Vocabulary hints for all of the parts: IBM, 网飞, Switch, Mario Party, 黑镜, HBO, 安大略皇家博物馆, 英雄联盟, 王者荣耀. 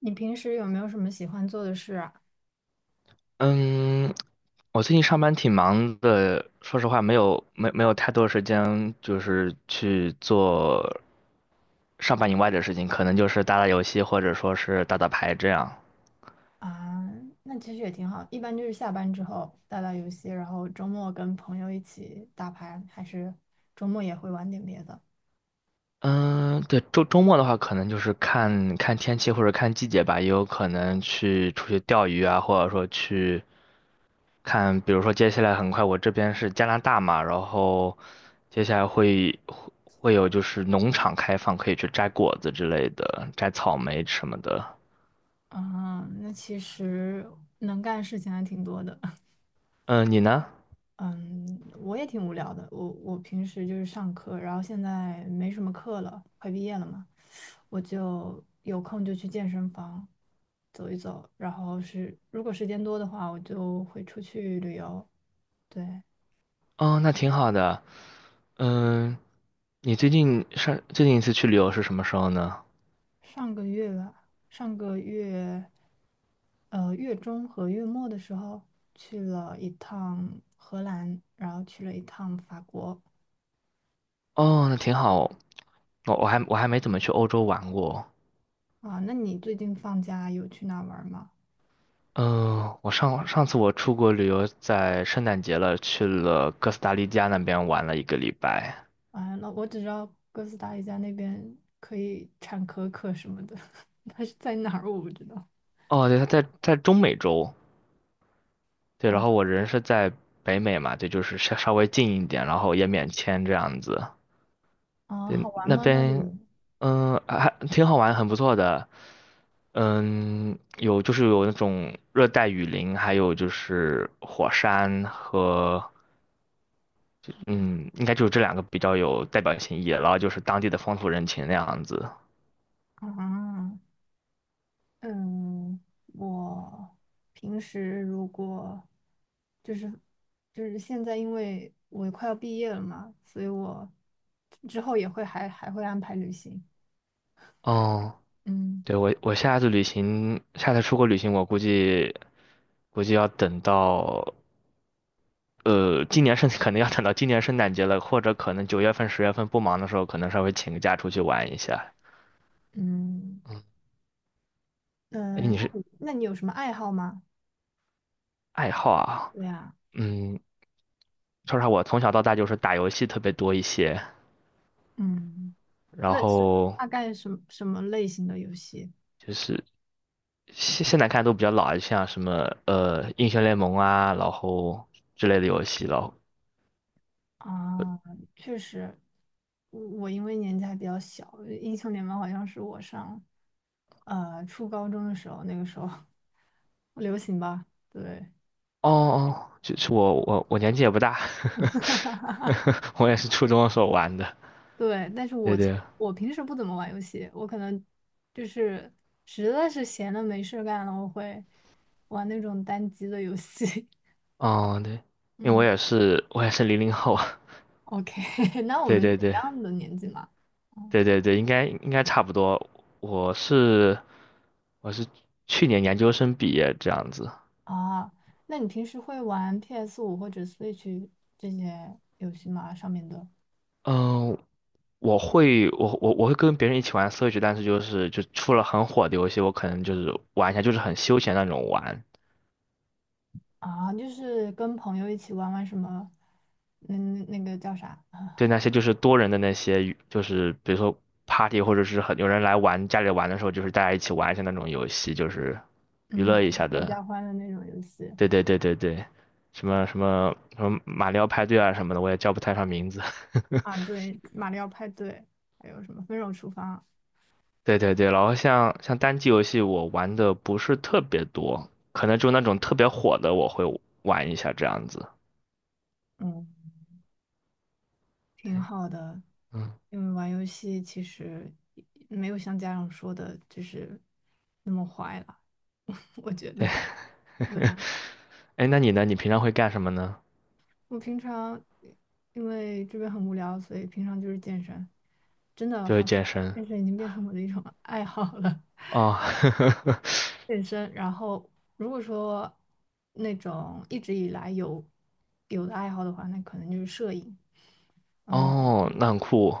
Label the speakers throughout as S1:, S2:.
S1: 你平时有没有什么喜欢做的事啊？
S2: 嗯，我最近上班挺忙的，说实话没有太多时间，就是去做上班以外的事情，可能就是打打游戏或者说是打打牌这样。
S1: 啊，那其实也挺好，一般就是下班之后打打游戏，然后周末跟朋友一起打牌，还是周末也会玩点别的。
S2: 嗯，对，周末的话，可能就是看看天气或者看季节吧，也有可能去出去钓鱼啊，或者说去。比如说接下来很快，我这边是加拿大嘛，然后接下来会有就是农场开放，可以去摘果子之类的，摘草莓什么的。
S1: 啊，那其实能干的事情还挺多的。
S2: 嗯，你呢？
S1: 嗯，我也挺无聊的。我平时就是上课，然后现在没什么课了，快毕业了嘛，我就有空就去健身房走一走，然后是如果时间多的话，我就会出去旅游。对，
S2: 哦，那挺好的。嗯，你最近一次去旅游是什么时候呢？
S1: 上个月吧，上个月，月中和月末的时候去了一趟荷兰，然后去了一趟法国。
S2: 哦，那挺好。我还没怎么去欧洲玩过。
S1: 啊，那你最近放假有去哪玩吗？
S2: 嗯，我上上次出国旅游在圣诞节了，去了哥斯达黎加那边玩了一个礼拜。
S1: 啊，那我只知道哥斯达黎加那边可以产可可什么的，它是在哪儿我不知道。
S2: 哦，对，他在中美洲。对，然
S1: 哦，
S2: 后我人是在北美嘛，对，就是稍微近一点，然后也免签这样子。
S1: 啊，
S2: 对，
S1: 好玩
S2: 那
S1: 吗？那
S2: 边，
S1: 里？
S2: 还挺好玩，很不错的。嗯，有就是有那种热带雨林，还有就是火山和，嗯，应该就是这两个比较有代表性意义了。然后就是当地的风土人情那样子。
S1: 啊，嗯，我平时如果就是就是现在，因为我快要毕业了嘛，所以我之后也会还会安排旅行。
S2: 哦，
S1: 嗯
S2: 对，我下次旅行，下次出国旅行，我估计要等到。呃，今年圣可能要等到今年圣诞节了，或者可能9月份、10月份不忙的时候，可能稍微请个假出去玩一下。
S1: 嗯
S2: 嗯，哎，
S1: 嗯，那你有什么爱好吗？
S2: 爱好啊？
S1: 对啊，
S2: 嗯，说实话，我从小到大就是打游戏特别多一些，
S1: 嗯，
S2: 然
S1: 类似
S2: 后
S1: 大概什么类型的游戏？
S2: 就是现在看都比较老，像什么英雄联盟啊，然后之类的游戏了。
S1: 啊，确实，我因为年纪还比较小，英雄联盟好像是我上初高中的时候，那个时候 流行吧，对
S2: 哦哦，就是我年纪也不大，我也是初中的时候玩的。
S1: 对，但是
S2: 对对，
S1: 我平时不怎么玩游戏，我可能就是实在是闲的没事儿干了，我会玩那种单机的游戏。
S2: 哦对，因为我
S1: 嗯
S2: 也是我也是00后。
S1: ，OK，那我
S2: 对
S1: 们是
S2: 对
S1: 一
S2: 对
S1: 样的年纪嘛。嗯
S2: 对对对，应该差不多。我是我是去年研究生毕业这样子。
S1: 啊，那你平时会玩 p s 五或者 Switch 这些游戏吗？上面的
S2: 嗯，我会跟别人一起玩 Switch，但是就是出了很火的游戏，我可能就是玩一下，就是很休闲那种玩。
S1: 啊，就是跟朋友一起玩玩什么，那那个叫啥？
S2: 对那些就是多人的那些，就是比如说 party 或者是很有人来玩家里玩的时候，就是大家一起玩一下那种游戏，就是娱
S1: 嗯，
S2: 乐一
S1: 合
S2: 下
S1: 合
S2: 的。
S1: 家欢的那种游戏
S2: 对对对对对，什么马里奥派对啊什么的，我也叫不太上名字。
S1: 啊，对，马里奥派对，还有什么分手厨房，
S2: 对对对，然后像单机游戏，我玩的不是特别多，可能就那种特别火的，我会玩一下这样子。
S1: 嗯，挺好的。
S2: 嗯，
S1: 因为玩游戏其实没有像家长说的，就是那么坏了，我觉得。
S2: 哎，那你呢？你平常会干什么呢？
S1: 我平常因为这边很无聊，所以平常就是健身。真的，
S2: 就是
S1: 好像
S2: 健身。
S1: 健身已经变成我的一种 爱好了。
S2: 哦，
S1: 健身，然后如果说那种一直以来有有的爱好的话，那可能就是摄影。
S2: 哦，那很酷。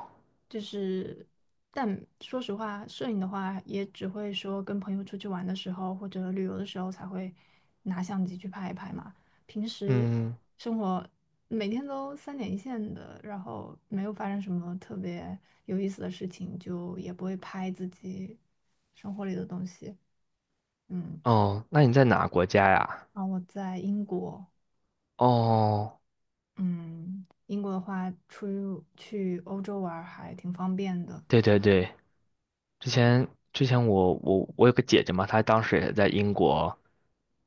S1: 就是，但说实话，摄影的话也只会说跟朋友出去玩的时候或者旅游的时候才会拿相机去拍一拍嘛。平时
S2: 嗯，
S1: 生活每天都三点一线的，然后没有发生什么特别有意思的事情，就也不会拍自己生活里的东西。嗯，
S2: 哦，那你在哪国家呀？
S1: 然后我在英国，
S2: 哦，
S1: 嗯，英国的话出去欧洲玩儿还挺方便的。
S2: 对对对，之前之前我有个姐姐嘛，她当时也在英国，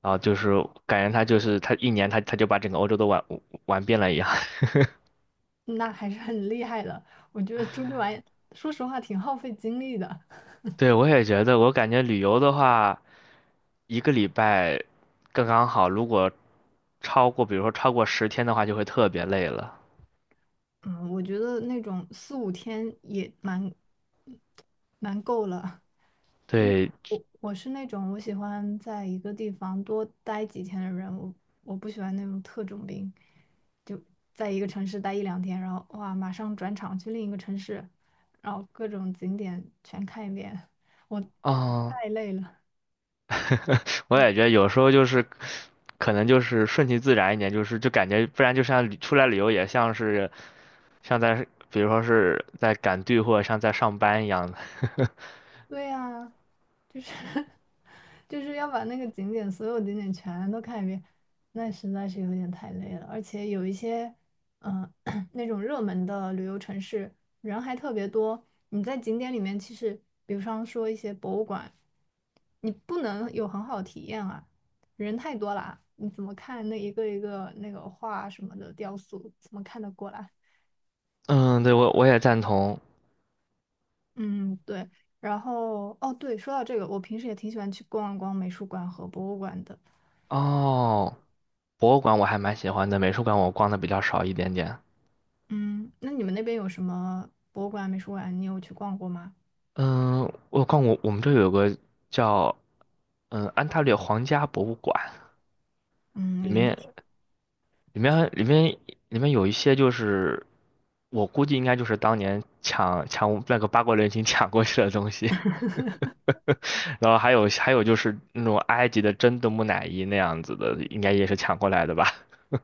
S2: 然后就是感觉她就是她一年她就把整个欧洲都玩遍了一样。
S1: 那还是很厉害的。我觉得出去玩，说实话挺耗费精力的。
S2: 对，我也觉得，我感觉旅游的话，一个礼拜刚刚好。如果超过，比如说超过10天的话，就会特别累了。
S1: 嗯，我觉得那种四五天也蛮够了，因为
S2: 对，
S1: 我是那种我喜欢在一个地方多待几天的人，我不喜欢那种特种兵，就在一个城市待一两天，然后哇，马上转场去另一个城市，然后各种景点全看一遍，我
S2: 哦，
S1: 太累了。
S2: 我也觉得有时候就是可能就是顺其自然一点，就是感觉不然就像旅出来旅游也像是像在比如说是在赶队或者像在上班一样的。
S1: 对呀。就是 就是要把那个景点所有景点全都看一遍，那实在是有点太累了。而且有一些，嗯、那种热门的旅游城市人还特别多。你在景点里面，其实比方说一些博物馆，你不能有很好的体验啊，人太多了啊你怎么看那一个一个那个画什么的雕塑，怎么看得过来？
S2: 嗯，对，我也赞同。
S1: 嗯，对。然后，哦，对，说到这个，我平时也挺喜欢去逛一逛美术馆和博物馆的。
S2: 哦，博物馆我还蛮喜欢的，美术馆我逛的比较少一点点。
S1: 嗯，那你们那边有什么博物馆、美术馆？你有去逛过吗？
S2: 嗯，我逛过，我们这有个叫安大略皇家博物馆，里
S1: 嗯，里面
S2: 面里面里面里面有一些就是我估计应该就是当年抢那个八国联军抢过去的东西，然后还有就是那种埃及的真的木乃伊那样子的，应该也是抢过来的吧？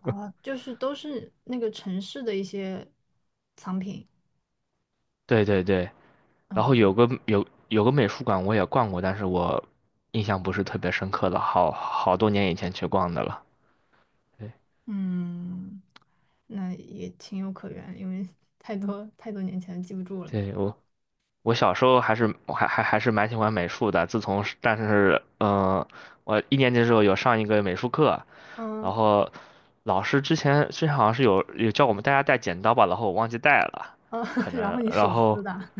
S1: 啊，就是都是那个城市的一些藏品。
S2: 对对对，然后有
S1: 哦，
S2: 个有有个美术馆我也逛过，但是我印象不是特别深刻了，好多年以前去逛的了。对
S1: 嗯，那也情有可原，因为 太多太多年前记不住了。
S2: 对，我小时候还是蛮喜欢美术的，自从是但是我一年级的时候有上一个美术课，
S1: 嗯
S2: 然后老师之前好像是有叫我们大家带剪刀吧，然后我忘记带了，
S1: 嗯，
S2: 可
S1: 然后
S2: 能
S1: 你
S2: 然
S1: 手
S2: 后
S1: 撕的，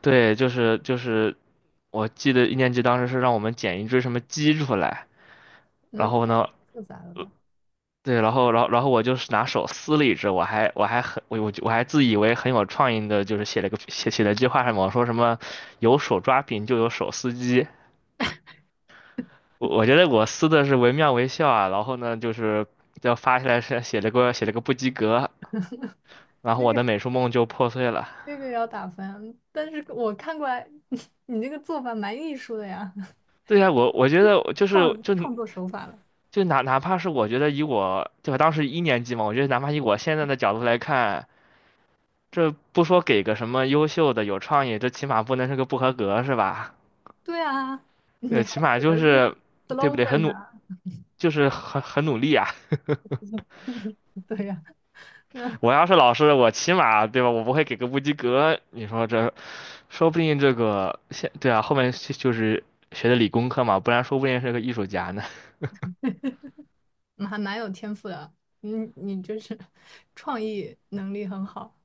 S2: 对，就是我记得一年级当时是让我们剪一只什么鸡出来，
S1: 那
S2: 然后
S1: 太
S2: 呢。
S1: 复杂了吧？
S2: 对，然后我就是拿手撕了一只，我还自以为很有创意的，就是写了一句话什么我说什么有手抓饼就有手撕鸡，我觉得我撕的是惟妙惟肖啊，然后呢，就是要发下来是写了个不及格，然后
S1: 这
S2: 我
S1: 个
S2: 的美术梦就破碎了。
S1: 这个也要打分，但是我看过来，你这个做法蛮艺术的呀，
S2: 对呀，我觉得 就是就
S1: 创作手法了。
S2: 就哪怕是我觉得以我对吧，当时一年级嘛，我觉得哪怕以我现在的角度来看，这不说给个什么优秀的有创意，这起码不能是个不合格是吧？
S1: 对啊，你还
S2: 起码
S1: 写
S2: 就
S1: 了句
S2: 是对不对，很
S1: slogan 呢、
S2: 努就是很很努力啊。
S1: 对呀、
S2: 我要是老师，我起码对吧，我不会给个不及格，你说这说不定这个对啊，后面就是学的理工科嘛，不然说不定是个艺术家呢。
S1: 嗯还蛮有天赋的。你就是创意能力很好，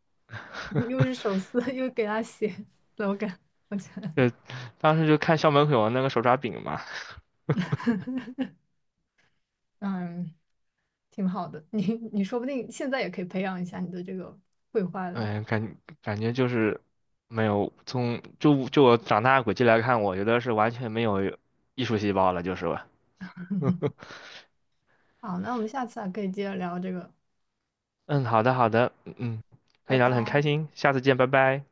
S1: 又是手撕，又给他写 slogan，我觉得
S2: 呃，当时就看校门口有那个手抓饼嘛，
S1: 嗯挺好的。你说不定现在也可以培养一下你的这个绘画。
S2: 哎，感觉就是没有从我长大的轨迹来看，我觉得是完全没有艺术细胞了，就是吧。
S1: 好，那我们下次还可以接着聊这个，
S2: 嗯，好的好的，可
S1: 拜
S2: 以聊得很开
S1: 拜。
S2: 心，下次见，拜拜。